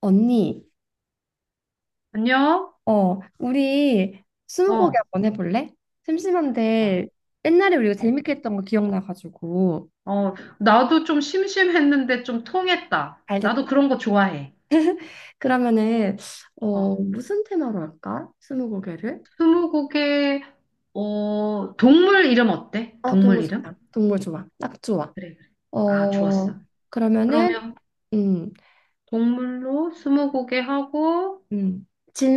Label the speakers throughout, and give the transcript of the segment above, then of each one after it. Speaker 1: 언니,
Speaker 2: 안녕?
Speaker 1: 어, 우리 스무고개
Speaker 2: 어,
Speaker 1: 한번 해볼래?
Speaker 2: 아,
Speaker 1: 심심한데 옛날에 우리가
Speaker 2: 어,
Speaker 1: 재밌게 했던 거 기억나가지고.
Speaker 2: 나도 좀 심심했는데 좀 통했다.
Speaker 1: 알겠
Speaker 2: 나도
Speaker 1: 다
Speaker 2: 그런 거 좋아해.
Speaker 1: 그러면은 어,
Speaker 2: 어,
Speaker 1: 무슨 테마로 할까? 스무고개를?
Speaker 2: 스무고개, 동물 이름 어때?
Speaker 1: 어,
Speaker 2: 동물
Speaker 1: 동물
Speaker 2: 이름?
Speaker 1: 좋다. 동물 좋아. 딱 좋아.
Speaker 2: 그래, 그래. 아, 좋았어.
Speaker 1: 어, 그러면은
Speaker 2: 그러면
Speaker 1: 음,
Speaker 2: 동물로 스무고개 하고,
Speaker 1: 음.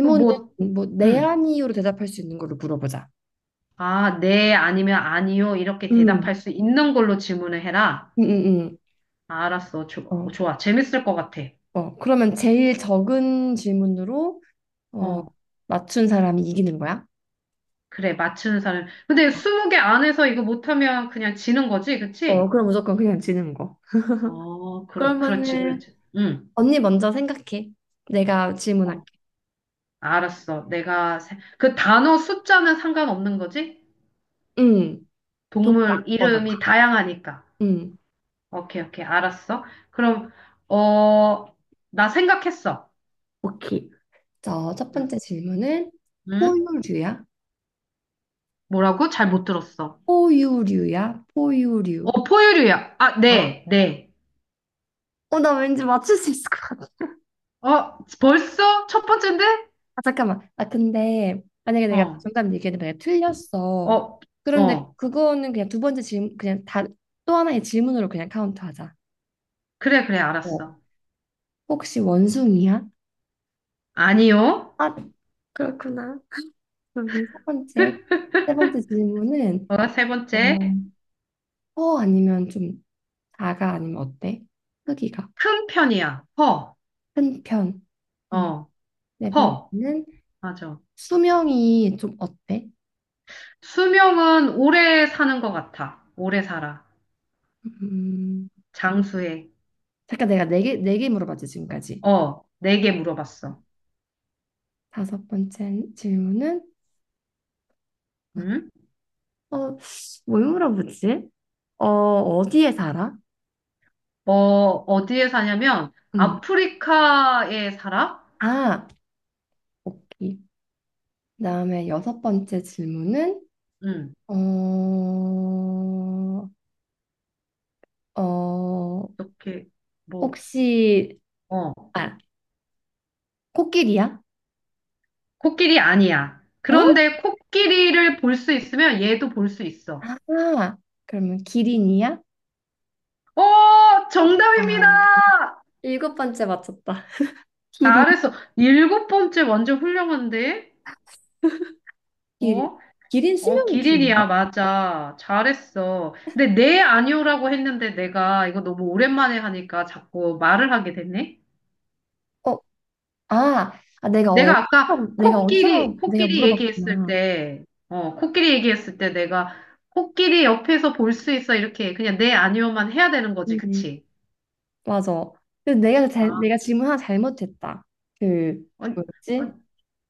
Speaker 2: 그 뭐,
Speaker 1: 뭐네
Speaker 2: 응.
Speaker 1: 아니요로 대답할 수 있는 걸로 물어보자.
Speaker 2: 아, 네, 아니면 아니요. 이렇게
Speaker 1: 음,
Speaker 2: 대답할 수 있는 걸로 질문을 해라.
Speaker 1: 음, 음,
Speaker 2: 아, 알았어.
Speaker 1: 어,
Speaker 2: 좋아. 재밌을 것 같아.
Speaker 1: 어. 그러면 제일 적은 질문으로 어,
Speaker 2: 어.
Speaker 1: 맞춘 사람이 이기는 거야?
Speaker 2: 그래, 맞추는 사람. 근데 스무 개 안에서 이거 못하면 그냥 지는 거지,
Speaker 1: 어,
Speaker 2: 그치?
Speaker 1: 그럼 무조건 그냥 지는 거.
Speaker 2: 어, 그렇지,
Speaker 1: 그러면은
Speaker 2: 그렇지. 응.
Speaker 1: 언니 먼저 생각해. 내가
Speaker 2: 어,
Speaker 1: 질문할게.
Speaker 2: 알았어. 그 단어 숫자는 상관없는 거지?
Speaker 1: 응. 도구
Speaker 2: 동물
Speaker 1: 아무거나.
Speaker 2: 이름이 다양하니까.
Speaker 1: 응.
Speaker 2: 오케이, 오케이. 알았어. 그럼, 어, 나 생각했어.
Speaker 1: 오케이. 자, 첫
Speaker 2: 응,
Speaker 1: 번째 질문은
Speaker 2: 응?
Speaker 1: 포유류야?
Speaker 2: 뭐라고? 잘 못 들었어.
Speaker 1: 포유류야? 포유류.
Speaker 2: 어, 포유류야. 아,
Speaker 1: 어,
Speaker 2: 네, 네.
Speaker 1: 어, 나 왠지 맞출 수 있을 것 같아.
Speaker 2: 어, 벌써? 첫 번째인데?
Speaker 1: 아, 잠깐만. 아, 근데 만약에 내가
Speaker 2: 어,
Speaker 1: 정답 얘기해도 내가 틀렸어.
Speaker 2: 어,
Speaker 1: 그런데
Speaker 2: 어.
Speaker 1: 그거는 그냥 두 번째 질문, 그냥 다 또 하나의 질문으로 그냥 카운트하자.
Speaker 2: 그래, 그래,
Speaker 1: 어.
Speaker 2: 알았어.
Speaker 1: 혹시 원숭이야?
Speaker 2: 아니요.
Speaker 1: 아, 그렇구나. 그리고 첫 번째, 세 번째 질문은
Speaker 2: 어, 세
Speaker 1: 어,
Speaker 2: 번째,
Speaker 1: 커 아니면 좀 작아 아니면 어때? 크기가.
Speaker 2: 큰 편이야. 커.
Speaker 1: 큰 편. 음,
Speaker 2: 어,
Speaker 1: 네
Speaker 2: 커.
Speaker 1: 번째는
Speaker 2: 맞아.
Speaker 1: 수명이 좀 어때?
Speaker 2: 수명은 오래 사는 것 같아. 오래 살아.
Speaker 1: 음,
Speaker 2: 장수해.
Speaker 1: 잠깐 내가 네 개, 네 개 물어봤지 지금까지.
Speaker 2: 어, 네 개 물어봤어.
Speaker 1: 다섯 번째 질문은
Speaker 2: 응?
Speaker 1: 어, 뭘 물어보지? 어, 어디에 살아?
Speaker 2: 어, 어디에 사냐면,
Speaker 1: 음,
Speaker 2: 아프리카에 살아?
Speaker 1: 아, 오케이. 그다음에 여섯 번째 질문은
Speaker 2: 응,
Speaker 1: 어, 어,
Speaker 2: 이렇게, 뭐,
Speaker 1: 혹시
Speaker 2: 어,
Speaker 1: 아, 코끼리야?
Speaker 2: 코끼리 아니야.
Speaker 1: 어?
Speaker 2: 그런데 코끼리를 볼 수 있으면 얘도 볼 수 있어.
Speaker 1: 아, 그러면 기린이야?
Speaker 2: 어,
Speaker 1: 아,
Speaker 2: 정답입니다!
Speaker 1: 일곱 번째 맞췄다. 기린,
Speaker 2: 잘했어. 일곱 번째 완전 훌륭한데?
Speaker 1: 기린.
Speaker 2: 어?
Speaker 1: 기린
Speaker 2: 어,
Speaker 1: 수명이
Speaker 2: 기린이야,
Speaker 1: 긴가?
Speaker 2: 맞아. 잘했어. 근데 네, 아니오라고 했는데 내가 이거 너무 오랜만에 하니까 자꾸 말을 하게 됐네?
Speaker 1: 어, 아, 아 내가
Speaker 2: 내가 아까
Speaker 1: 어디서 내가 어디서 내가
Speaker 2: 코끼리 얘기했을
Speaker 1: 물어봤구나.
Speaker 2: 때, 어, 코끼리 얘기했을 때 내가 코끼리 옆에서 볼 수 있어. 이렇게 그냥 네, 아니오만 해야 되는 거지.
Speaker 1: 네.
Speaker 2: 그치?
Speaker 1: 맞아. 근데 내가
Speaker 2: 아,
Speaker 1: 잘, 내가 질문 하나 잘못했다. 그
Speaker 2: 아니,
Speaker 1: 뭐였지?
Speaker 2: 아니,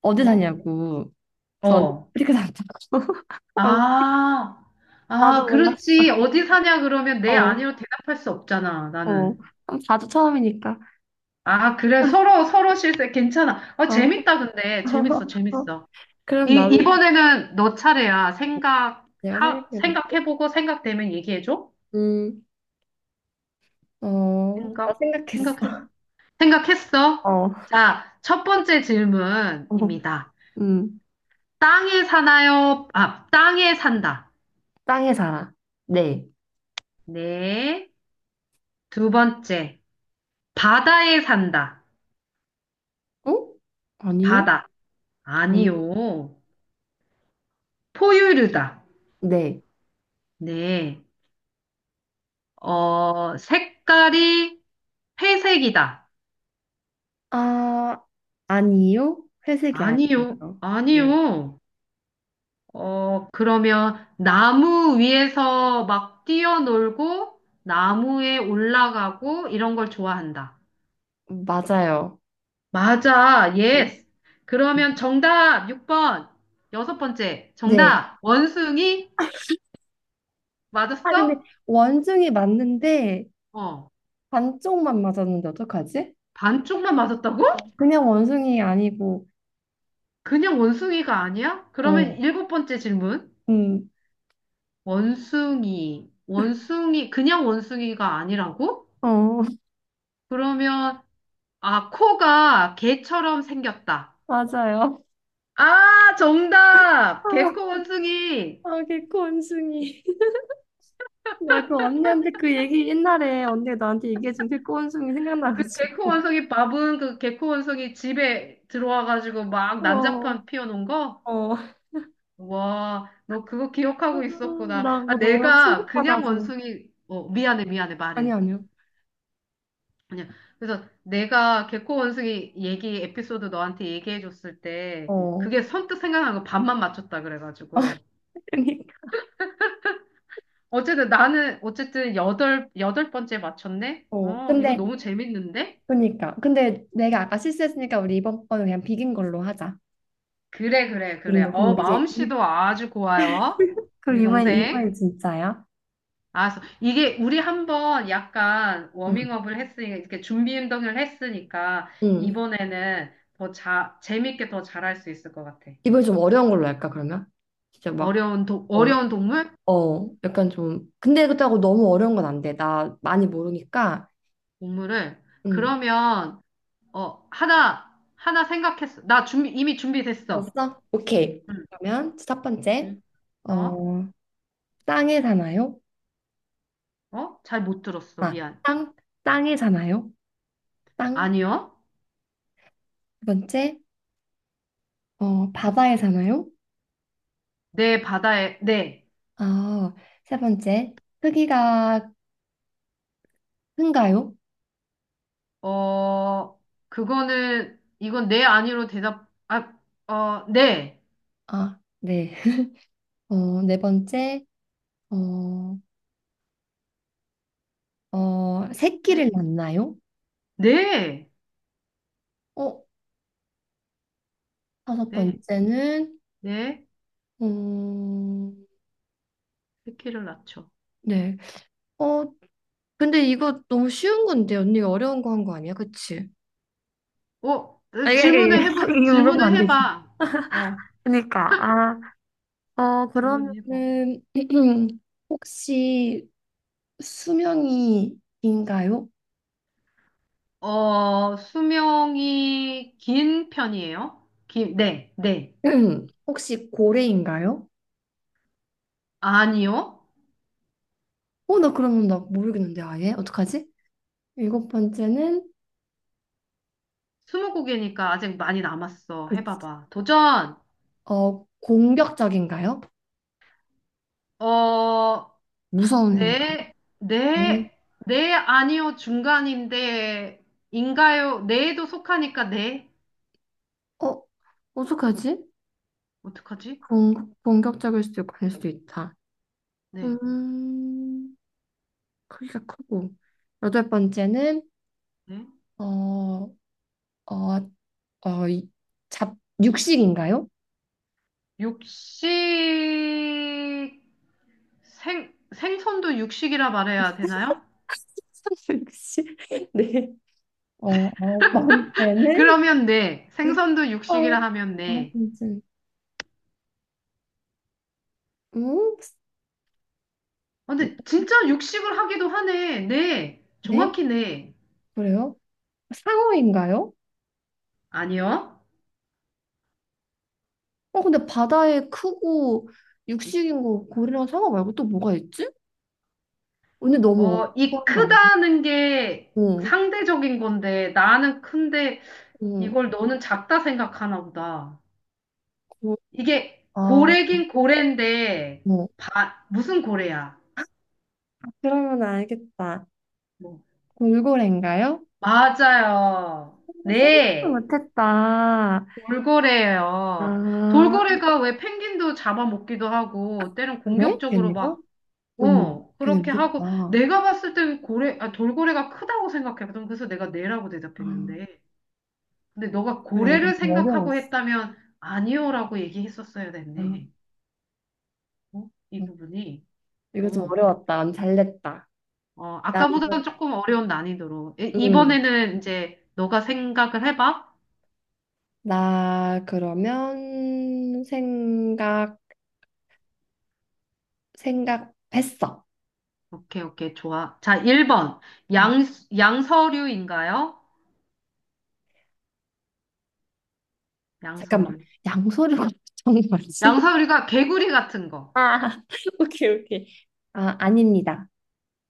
Speaker 1: 어디
Speaker 2: 뭐?
Speaker 1: 사냐고. 그래서 언니
Speaker 2: 어.
Speaker 1: 아프리카 산다. 어,
Speaker 2: 아, 아,
Speaker 1: 나도
Speaker 2: 그렇지.
Speaker 1: 몰랐어.
Speaker 2: 어디 사냐, 그러면 네,
Speaker 1: 어,
Speaker 2: 아니로 대답할 수 없잖아,
Speaker 1: 어,
Speaker 2: 나는.
Speaker 1: 어. 자주 처음이니까.
Speaker 2: 아, 그래. 서로, 서로 실세. 괜찮아. 어,
Speaker 1: 어. 어,
Speaker 2: 재밌다, 근데. 재밌어, 재밌어.
Speaker 1: 그럼 나도
Speaker 2: 이번에는 너 차례야.
Speaker 1: 내가 생각해볼게.
Speaker 2: 생각해보고 생각되면 얘기해줘.
Speaker 1: 음, 어, 나
Speaker 2: 생각,
Speaker 1: 생각했어.
Speaker 2: 생각했, 생각했어.
Speaker 1: 어,
Speaker 2: 자, 첫 번째
Speaker 1: 어,
Speaker 2: 질문입니다.
Speaker 1: 음,
Speaker 2: 땅에 사나요? 아, 땅에 산다.
Speaker 1: 땅에 살아. 네,
Speaker 2: 네. 두 번째. 바다에 산다.
Speaker 1: 어? 아니요?
Speaker 2: 바다.
Speaker 1: 아니,
Speaker 2: 아니요. 포유류다.
Speaker 1: 네,
Speaker 2: 네. 어, 색깔이 회색이다.
Speaker 1: 아, 아니요? 회색이 아니에요. 네.
Speaker 2: 아니요. 어, 그러면 나무 위에서 막 뛰어놀고, 나무에 올라가고, 이런 걸 좋아한다.
Speaker 1: 맞아요.
Speaker 2: 맞아,
Speaker 1: 네.
Speaker 2: 예스. 그러면 정답 6번. 여섯 번째,
Speaker 1: 네,
Speaker 2: 정답. 원숭이?
Speaker 1: 아, 근데
Speaker 2: 맞았어?
Speaker 1: 원숭이 맞는데
Speaker 2: 어,
Speaker 1: 반쪽만 맞았는데 어떡하지?
Speaker 2: 반쪽만 맞았다고?
Speaker 1: 어, 그냥 원숭이 아니고,
Speaker 2: 그냥 원숭이가 아니야?
Speaker 1: 어,
Speaker 2: 그러면 일곱 번째 질문.
Speaker 1: 음,
Speaker 2: 그냥 원숭이가 아니라고?
Speaker 1: 어,
Speaker 2: 그러면 아, 코가 개처럼 생겼다.
Speaker 1: 맞아요.
Speaker 2: 아, 정답! 개코 원숭이!
Speaker 1: 아, 개코 원숭이. 나 그 언니한테 그 얘기 옛날에 언니가 나한테 얘기해준 그꼬숭이
Speaker 2: 그 개코
Speaker 1: 생각나가지고.
Speaker 2: 원숭이 밥은 그 개코 원숭이 집에 들어와가지고 막
Speaker 1: 어,
Speaker 2: 난장판 피워놓은 거?
Speaker 1: 어. 아,
Speaker 2: 와, 너 그거 기억하고 있었구나.
Speaker 1: 나
Speaker 2: 아,
Speaker 1: 그거 너무
Speaker 2: 내가 그냥
Speaker 1: 충격받아서.
Speaker 2: 원숭이, 어, 미안해,
Speaker 1: 아니,
Speaker 2: 말해.
Speaker 1: 아니요.
Speaker 2: 그냥, 그래서 내가 개코 원숭이 얘기, 에피소드 너한테 얘기해줬을 때,
Speaker 1: 어.
Speaker 2: 그게 선뜻 생각난 거 반만 맞췄다 그래가지고.
Speaker 1: 그니까.
Speaker 2: 어쨌든 나는 어쨌든 여덟 번째 맞췄네.
Speaker 1: 어.
Speaker 2: 어, 이거
Speaker 1: 근데,
Speaker 2: 너무 재밌는데?
Speaker 1: 그니까. 근데 내가 아까 실수했으니까 우리 이번 거는 그냥 비긴 걸로 하자.
Speaker 2: 그래, 그래, 그래.
Speaker 1: 비긴 거.
Speaker 2: 어,
Speaker 1: 그럼 이제, 이,
Speaker 2: 마음씨도 아주 고와요.
Speaker 1: 그럼
Speaker 2: 우리
Speaker 1: 이번엔,
Speaker 2: 동생.
Speaker 1: 이번엔 진짜야?
Speaker 2: 알았어. 이게 우리 한번 약간
Speaker 1: 응.
Speaker 2: 워밍업을 했으니까 이렇게 준비 운동을 했으니까
Speaker 1: 응.
Speaker 2: 이번에는 재밌게 더 잘할 수 있을 것 같아.
Speaker 1: 이번엔 좀 어려운 걸로 할까, 그러면? 진짜 막, 어,
Speaker 2: 어려운 동물?
Speaker 1: 어. 약간 좀. 근데 그렇다고 너무 어려운 건 안 돼. 나 많이 모르니까.
Speaker 2: 동물을
Speaker 1: 응.
Speaker 2: 그러면 어, 하나 생각했어. 나 준비 이미 준비됐어.
Speaker 1: 벌써? 오케이.
Speaker 2: 응.
Speaker 1: 그러면 첫 번째.
Speaker 2: 응.
Speaker 1: 어,
Speaker 2: 어?
Speaker 1: 땅에 사나요?
Speaker 2: 어? 잘 못 들었어.
Speaker 1: 아,
Speaker 2: 미안.
Speaker 1: 땅, 땅에 사나요? 땅.
Speaker 2: 아니요.
Speaker 1: 두 번째. 어, 바다에 사나요?
Speaker 2: 내 바다에, 네.
Speaker 1: 아, 세 번째. 크기가 큰가요?
Speaker 2: 어, 그거는, 이건 네 아니로 대답, 아, 어, 네.
Speaker 1: 아, 네. 어, 네 번째. 어, 어, 새끼를
Speaker 2: 네?
Speaker 1: 낳나요?
Speaker 2: 네.
Speaker 1: 어, 다섯
Speaker 2: 네.
Speaker 1: 번째는
Speaker 2: 네.
Speaker 1: 음,
Speaker 2: 새끼를 낳죠.
Speaker 1: 네. 어, 근데 이거 너무 쉬운 건데 언니가 어려운 거 한 거 아니야? 그치?
Speaker 2: 어,
Speaker 1: 아, 이게, 이게, 이게 물어보면
Speaker 2: 질문을
Speaker 1: 안 되지.
Speaker 2: 해봐. 어,
Speaker 1: 그니까, 아, 어,
Speaker 2: 질문을 해봐.
Speaker 1: 그러면은, 혹시 수명이인가요?
Speaker 2: 어, 수명이 긴 편이에요? 긴, 네, 네.
Speaker 1: 혹시 고래인가요?
Speaker 2: 아니요.
Speaker 1: 어, 나 그러면 나 모르겠는데, 아예? 어떡하지? 일곱 번째는,
Speaker 2: 스무고개니까 아직 많이 남았어.
Speaker 1: 그치.
Speaker 2: 해봐봐. 도전!
Speaker 1: 어, 공격적인가요?
Speaker 2: 어,
Speaker 1: 무서운 애인가요?
Speaker 2: 네,
Speaker 1: 네.
Speaker 2: 네, 네, 아니요, 중간인데, 인가요? 네에도 속하니까 네.
Speaker 1: 어, 어떡하지?
Speaker 2: 어떡하지?
Speaker 1: 공, 공격적일 수도 있고, 아닐 수도 있다.
Speaker 2: 네,
Speaker 1: 음, 크기가 크고. 여덟 번째는,
Speaker 2: 네.
Speaker 1: 어, 어, 어, 이- 잡, 육식인가요?
Speaker 2: 육식, 생선도 육식이라 말해야 되나요?
Speaker 1: 육식. 네. 어, 아홉 번째는,
Speaker 2: 그러면 네. 생선도
Speaker 1: 아,
Speaker 2: 육식이라 하면
Speaker 1: 아홉
Speaker 2: 네.
Speaker 1: 번째. 음?
Speaker 2: 아, 근데 진짜 육식을 하기도 하네. 네.
Speaker 1: 네?
Speaker 2: 정확히 네.
Speaker 1: 그래요? 상어인가요?
Speaker 2: 아니요.
Speaker 1: 어, 근데 바다에 크고 육식인 거 고래랑 상어 말고 또 뭐가 있지? 근데 너무
Speaker 2: 어, 이
Speaker 1: 어려운 거 아니야?
Speaker 2: 크다는 게
Speaker 1: 어,
Speaker 2: 상대적인 건데, 나는 큰데,
Speaker 1: 어,
Speaker 2: 이걸 너는 작다 생각하나 보다. 이게
Speaker 1: 어, 아,
Speaker 2: 고래긴 고래인데,
Speaker 1: 어.
Speaker 2: 무슨 고래야?
Speaker 1: 그러면 알겠다.
Speaker 2: 뭐,
Speaker 1: 돌고래인가요?
Speaker 2: 맞아요.
Speaker 1: 생각도
Speaker 2: 네,
Speaker 1: 못했다.
Speaker 2: 돌고래예요.
Speaker 1: 아,
Speaker 2: 돌고래가 왜 펭귄도 잡아먹기도 하고, 때론
Speaker 1: 그래?
Speaker 2: 공격적으로
Speaker 1: 걔네가?
Speaker 2: 막,
Speaker 1: 어머,
Speaker 2: 어,
Speaker 1: 걔네
Speaker 2: 그렇게 하고,
Speaker 1: 무섭다.
Speaker 2: 내가 봤을 때는 고래, 아, 돌고래가 크다고 생각했거든. 그래서 내가 네라고
Speaker 1: 아,
Speaker 2: 대답했는데. 근데 너가
Speaker 1: 그래, 이거
Speaker 2: 고래를
Speaker 1: 좀
Speaker 2: 생각하고
Speaker 1: 어려웠어.
Speaker 2: 했다면, 아니요라고 얘기했었어야
Speaker 1: 아,
Speaker 2: 됐네. 어? 이
Speaker 1: 어,
Speaker 2: 부분이.
Speaker 1: 이거 좀
Speaker 2: 어.
Speaker 1: 어려웠다. 안 잘됐다.
Speaker 2: 어,
Speaker 1: 나 이걸,
Speaker 2: 아까보다는 조금 어려운 난이도로.
Speaker 1: 음,
Speaker 2: 이번에는 이제 너가 생각을 해봐.
Speaker 1: 나 그러면 생각, 생각했어.
Speaker 2: 오케이, 오케이, 좋아. 자, 1번.
Speaker 1: 응.
Speaker 2: 양, 양서류인가요?
Speaker 1: 잠깐만,
Speaker 2: 양서류.
Speaker 1: 양서류가 정말지
Speaker 2: 양서류가 개구리 같은 거.
Speaker 1: 아, 오케이, 오케이. 아, 아닙니다.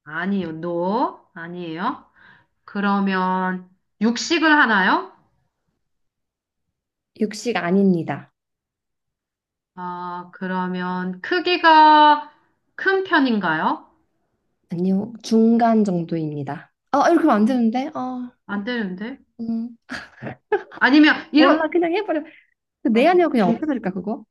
Speaker 2: 아니요, 노 아니에요. 그러면 육식을 하나요?
Speaker 1: 육식 아닙니다.
Speaker 2: 아, 그러면 크기가 큰 편인가요?
Speaker 1: 아니요, 중간 정도입니다. 아, 이렇게 하면 안 되는데? 아,
Speaker 2: 안 되는데?
Speaker 1: 음.
Speaker 2: 아니면,
Speaker 1: 몰라,
Speaker 2: 이러,
Speaker 1: 그냥 해버려. 내
Speaker 2: 오케이.
Speaker 1: 아니야, 그냥 없애버릴까, 그거?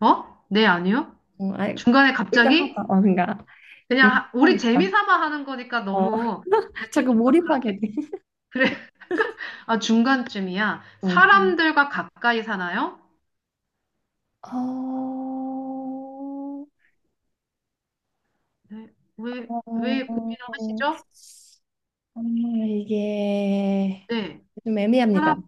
Speaker 2: 어? 네, 아니요?
Speaker 1: 어, 아,
Speaker 2: 중간에
Speaker 1: 일단 하자.
Speaker 2: 갑자기?
Speaker 1: 어, 그러니까
Speaker 2: 우리 재미
Speaker 1: 일하겠다.
Speaker 2: 삼아 하는 거니까
Speaker 1: 어,
Speaker 2: 너무 이렇게
Speaker 1: 자꾸
Speaker 2: 막
Speaker 1: 몰입하게
Speaker 2: 그렇게
Speaker 1: 돼.
Speaker 2: 그래 아 중간쯤이야
Speaker 1: 어,
Speaker 2: 사람들과 가까이 사나요?
Speaker 1: 어,
Speaker 2: 네. 왜 고민을
Speaker 1: 어,
Speaker 2: 하시죠?
Speaker 1: 정말 이게
Speaker 2: 네
Speaker 1: 좀 애매합니다.
Speaker 2: 사람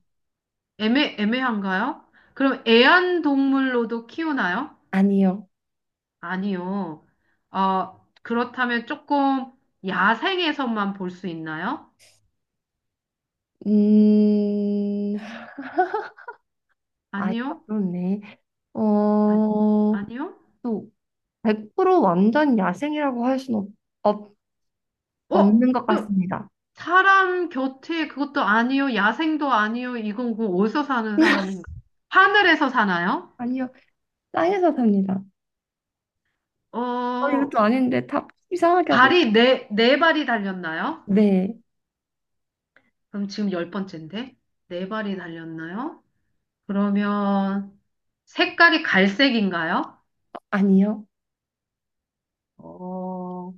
Speaker 2: 애매한가요? 그럼 애완동물로도 키우나요?
Speaker 1: 아니요.
Speaker 2: 아니요. 어 그렇다면 조금 야생에서만 볼 수 있나요?
Speaker 1: 음, 아,
Speaker 2: 아니요.
Speaker 1: 그렇네.
Speaker 2: 아,
Speaker 1: 어,
Speaker 2: 아니요.
Speaker 1: 또 100% 완전 야생이라고 할 수는 없-
Speaker 2: 어?
Speaker 1: 없는 것
Speaker 2: 그
Speaker 1: 같습니다.
Speaker 2: 사람 곁에 그것도 아니요, 야생도 아니요, 이건 그 어디서 사는 사람인가? 하늘에서 사나요?
Speaker 1: 아니요, 땅에서 삽니다. 어, 이것도
Speaker 2: 어,
Speaker 1: 아닌데 다 이상하게 하고.
Speaker 2: 네 발이 달렸나요?
Speaker 1: 네.
Speaker 2: 그럼 지금 열 번째인데? 네 발이 달렸나요? 그러면 색깔이 갈색인가요?
Speaker 1: 아니요.
Speaker 2: 어,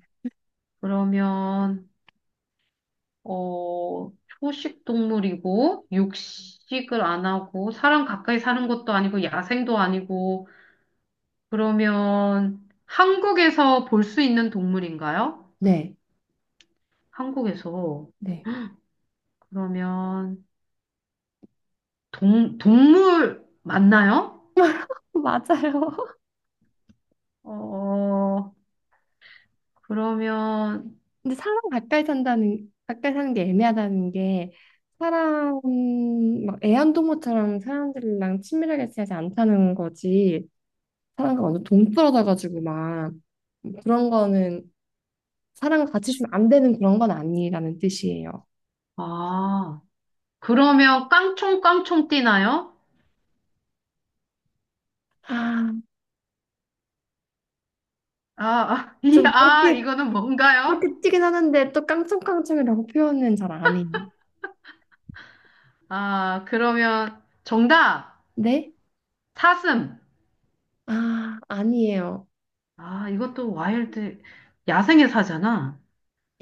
Speaker 2: 그러면, 어, 초식 동물이고, 육식을 안 하고, 사람 가까이 사는 것도 아니고, 야생도 아니고, 그러면 한국에서 볼 수 있는 동물인가요?
Speaker 1: 네.
Speaker 2: 한국에서.
Speaker 1: 네.
Speaker 2: 그러면 동물 맞나요?
Speaker 1: 맞아요.
Speaker 2: 어, 그러면,
Speaker 1: 근데 사람 가까이 산다는, 가까이 사는 게 애매하다는 게, 사람, 막 애완동물처럼 사람들이랑 친밀하게 지내지 않다는 거지, 사람과 완전 동떨어져가지고 막, 그런 거는, 사람과 같이 있으면 안 되는 그런 건 아니라는 뜻이에요.
Speaker 2: 아, 그러면 깡총깡총 뛰나요?
Speaker 1: 아,
Speaker 2: 아, 아, 이,
Speaker 1: 좀
Speaker 2: 아,
Speaker 1: 그렇게,
Speaker 2: 이거는 뭔가요?
Speaker 1: 그렇게 튀긴 하는데, 또 깡총깡총이라고 표현은 잘 안 해요.
Speaker 2: 아, 그러면 정답!
Speaker 1: 네?
Speaker 2: 사슴!
Speaker 1: 아, 아니에요.
Speaker 2: 아, 이것도 와일드, 야생의 사잖아.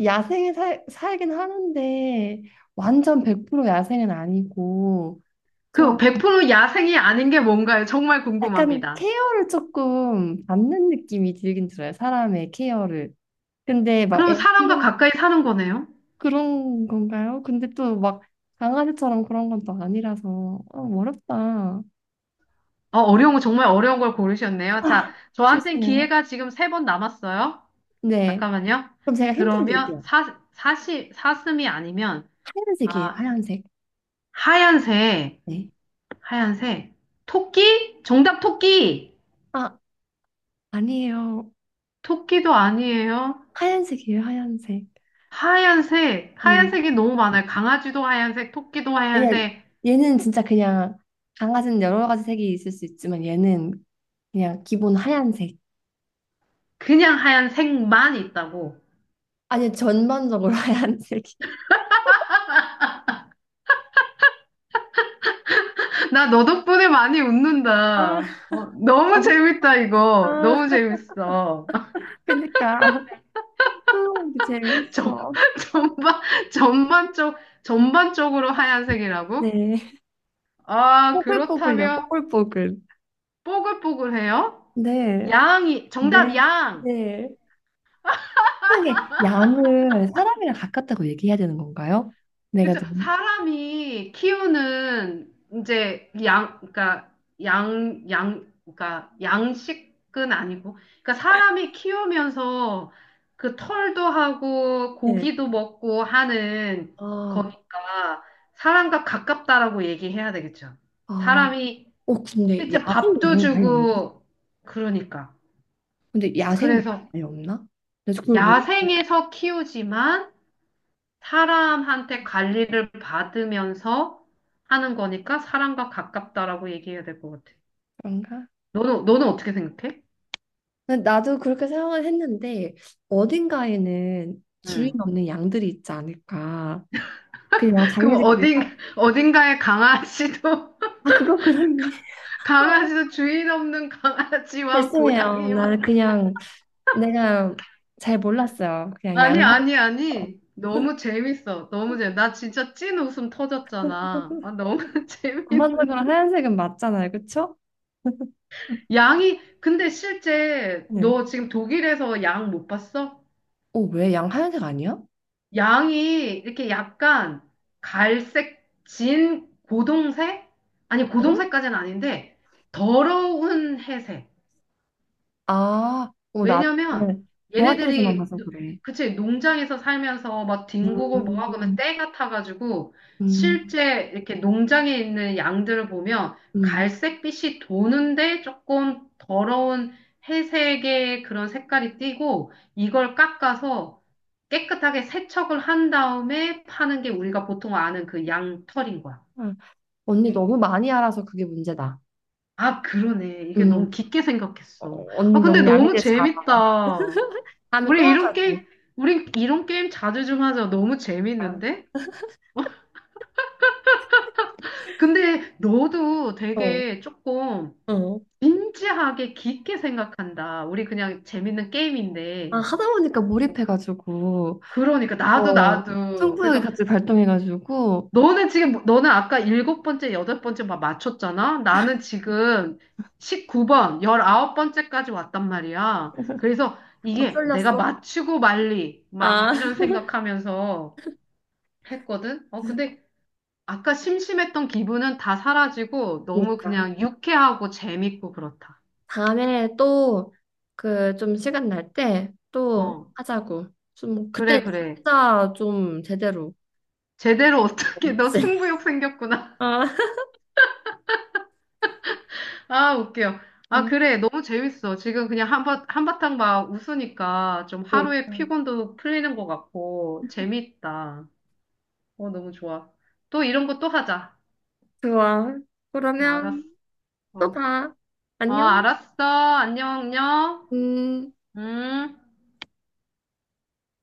Speaker 1: 야생에 살긴 하는데 완전 100% 야생은 아니고
Speaker 2: 그
Speaker 1: 좀
Speaker 2: 100% 야생이 아닌 게 뭔가요? 정말
Speaker 1: 약간
Speaker 2: 궁금합니다.
Speaker 1: 케어를 조금 받는 느낌이 들긴 들어요. 사람의 케어를. 근데 막
Speaker 2: 그럼
Speaker 1: 애,
Speaker 2: 사람과 가까이 사는 거네요?
Speaker 1: 그런 건가요? 근데 또 막 강아지처럼 그런 건 또 아니라서 어, 어렵다.
Speaker 2: 어, 어려운 거, 정말 어려운 걸 고르셨네요.
Speaker 1: 아,
Speaker 2: 자, 저한텐
Speaker 1: 죄송해요.
Speaker 2: 기회가 지금 세 번 남았어요.
Speaker 1: 네.
Speaker 2: 잠깐만요.
Speaker 1: 그럼 제가 힌트를
Speaker 2: 그러면
Speaker 1: 드릴게요.
Speaker 2: 사슴이 아니면,
Speaker 1: 하얀색이에요,
Speaker 2: 아,
Speaker 1: 하얀색.
Speaker 2: 하얀색,
Speaker 1: 네.
Speaker 2: 하얀색. 토끼? 정답 토끼!
Speaker 1: 아, 아니에요.
Speaker 2: 토끼도 아니에요.
Speaker 1: 하얀색이에요, 하얀색.
Speaker 2: 하얀색이 너무 많아요. 강아지도 하얀색, 토끼도
Speaker 1: 아니야,
Speaker 2: 하얀색,
Speaker 1: 얘는 진짜 그냥 강아지는 여러 가지 색이 있을 수 있지만 얘는 그냥 기본 하얀색.
Speaker 2: 그냥 하얀색만 있다고.
Speaker 1: 아니, 전반적으로 하얀색이.
Speaker 2: 나 너 덕분에 많이 웃는다.
Speaker 1: 아,
Speaker 2: 어,
Speaker 1: 어,
Speaker 2: 너무 재밌다, 이거.
Speaker 1: 아,
Speaker 2: 너무 재밌어.
Speaker 1: 그니까. 뜨거운 게
Speaker 2: 전,
Speaker 1: 재밌어.
Speaker 2: 전반, 전반적, 전반적으로 하얀색이라고?
Speaker 1: 네.
Speaker 2: 아,
Speaker 1: 뽀글뽀글요,
Speaker 2: 그렇다면,
Speaker 1: 뽀글뽀글.
Speaker 2: 뽀글뽀글해요?
Speaker 1: 네,
Speaker 2: 양이,
Speaker 1: 네,
Speaker 2: 정답, 양!
Speaker 1: 네. 세상에, 양을 사람이랑 같다고 얘기해야 되는 건가요? 내가
Speaker 2: 그렇죠.
Speaker 1: 너무.
Speaker 2: 사람이 키우는 이제 양, 그러니까 양, 그러니까 양식은 아니고, 그러니까 사람이 키우면서 그 털도 하고
Speaker 1: 네.
Speaker 2: 고기도 먹고 하는
Speaker 1: 아,
Speaker 2: 거니까 사람과 가깝다라고 얘기해야 되겠죠.
Speaker 1: 아.
Speaker 2: 사람이
Speaker 1: 어, 근데
Speaker 2: 실제
Speaker 1: 야생
Speaker 2: 밥도
Speaker 1: 양은 아예 없나?
Speaker 2: 주고 그러니까.
Speaker 1: 근데 야생 양은
Speaker 2: 그래서
Speaker 1: 아예 없나? 그래서 그걸 몰라.
Speaker 2: 야생에서 키우지만 사람한테 관리를 받으면서 하는 거니까 사람과 가깝다라고 얘기해야 될 것 같아.
Speaker 1: 그런가?
Speaker 2: 너는 어떻게 생각해?
Speaker 1: 근데 나도 그렇게 생각을 했는데 어딘가에는 주인
Speaker 2: 음.
Speaker 1: 없는 양들이 있지 않을까. 그냥
Speaker 2: 그럼
Speaker 1: 자기네들끼리 딱,
Speaker 2: 어딘, 어딘가에 강아지도,
Speaker 1: 아 그거 그렇네.
Speaker 2: 강아지도 주인 없는 강아지와
Speaker 1: 죄송해요. 나는
Speaker 2: 고양이와.
Speaker 1: 그냥 내가 잘 몰랐어요. 그냥 양 샀어.
Speaker 2: 아니. 너무 재밌어. 너무 재밌어. 나 진짜 찐 웃음 터졌잖아. 아, 너무 재밌네.
Speaker 1: 전반적으로 하얀색은 맞잖아요, 그쵸?
Speaker 2: 양이, 근데 실제
Speaker 1: 네.
Speaker 2: 너 지금 독일에서 양 못 봤어?
Speaker 1: 어, 왜 양 하얀색 아니야?
Speaker 2: 양이 이렇게 약간 갈색, 진 고동색? 아니,
Speaker 1: 응?
Speaker 2: 고동색까지는 아닌데, 더러운 회색.
Speaker 1: 아, 어, 나
Speaker 2: 왜냐면,
Speaker 1: 동화책에서만
Speaker 2: 얘네들이,
Speaker 1: 봐서
Speaker 2: 노-
Speaker 1: 그래.
Speaker 2: 그치, 농장에서 살면서 막 뒹구고 뭐하고 하면
Speaker 1: 음,
Speaker 2: 때가 타가지고,
Speaker 1: 음,
Speaker 2: 실제 이렇게 농장에 있는 양들을 보면,
Speaker 1: 음.
Speaker 2: 갈색빛이 도는데 조금 더러운 회색의 그런 색깔이 띠고, 이걸 깎아서 깨끗하게 세척을 한 다음에 파는 게 우리가 보통 아는 그 양털인 거야.
Speaker 1: 아, 언니 너무 많이 알아서 그게 문제다.
Speaker 2: 아, 그러네. 이게 너무
Speaker 1: 음.
Speaker 2: 깊게
Speaker 1: 어,
Speaker 2: 생각했어. 아,
Speaker 1: 언니
Speaker 2: 근데
Speaker 1: 너무
Speaker 2: 너무
Speaker 1: 양질 잘하.
Speaker 2: 재밌다.
Speaker 1: 다음에 또
Speaker 2: 우리 이런
Speaker 1: 하자고.
Speaker 2: 게임, 우리 이런 게임 자주 좀 하자. 너무 재밌는데? 근데 너도
Speaker 1: 어,
Speaker 2: 되게 조금
Speaker 1: 어.
Speaker 2: 진지하게 깊게 생각한다. 우리 그냥 재밌는
Speaker 1: 아,
Speaker 2: 게임인데.
Speaker 1: 하다 보니까 몰입해가지고
Speaker 2: 그러니까 나도
Speaker 1: 어.
Speaker 2: 나도.
Speaker 1: 승부욕이
Speaker 2: 그래서
Speaker 1: 같이 발동해가지고
Speaker 2: 너는 아까 일곱 번째, 여덟 번째 막 맞췄잖아? 나는 지금 19번째까지 왔단 말이야. 그래서
Speaker 1: 막
Speaker 2: 이게 내가
Speaker 1: 쏠렸어.
Speaker 2: 맞추고 말리, 막 이런
Speaker 1: 아.
Speaker 2: 생각하면서 했거든? 어, 근데 아까 심심했던 기분은 다 사라지고 너무
Speaker 1: 그러니까
Speaker 2: 그냥 유쾌하고 재밌고 그렇다.
Speaker 1: 다음에 또 그 좀 시간 날 때 또
Speaker 2: 어,
Speaker 1: 하자고. 좀 그때
Speaker 2: 그래, 그래.
Speaker 1: 진짜 좀 제대로.
Speaker 2: 제대로 어떻게,
Speaker 1: 어,
Speaker 2: 너
Speaker 1: 쎄.
Speaker 2: 승부욕 생겼구나.
Speaker 1: 아.
Speaker 2: 아, 웃겨.
Speaker 1: 어,
Speaker 2: 아, 그래. 너무 재밌어. 지금 그냥 한바탕 막 웃으니까 좀 하루의
Speaker 1: 그러니까.
Speaker 2: 피곤도 풀리는 것 같고, 재밌다. 어, 너무 좋아. 또 이런 거 또 하자.
Speaker 1: 좋아. 그러면
Speaker 2: 알았어.
Speaker 1: 또 봐.
Speaker 2: 어,
Speaker 1: 안녕.
Speaker 2: 알았어. 안녕, 안녕.
Speaker 1: 음.
Speaker 2: 음.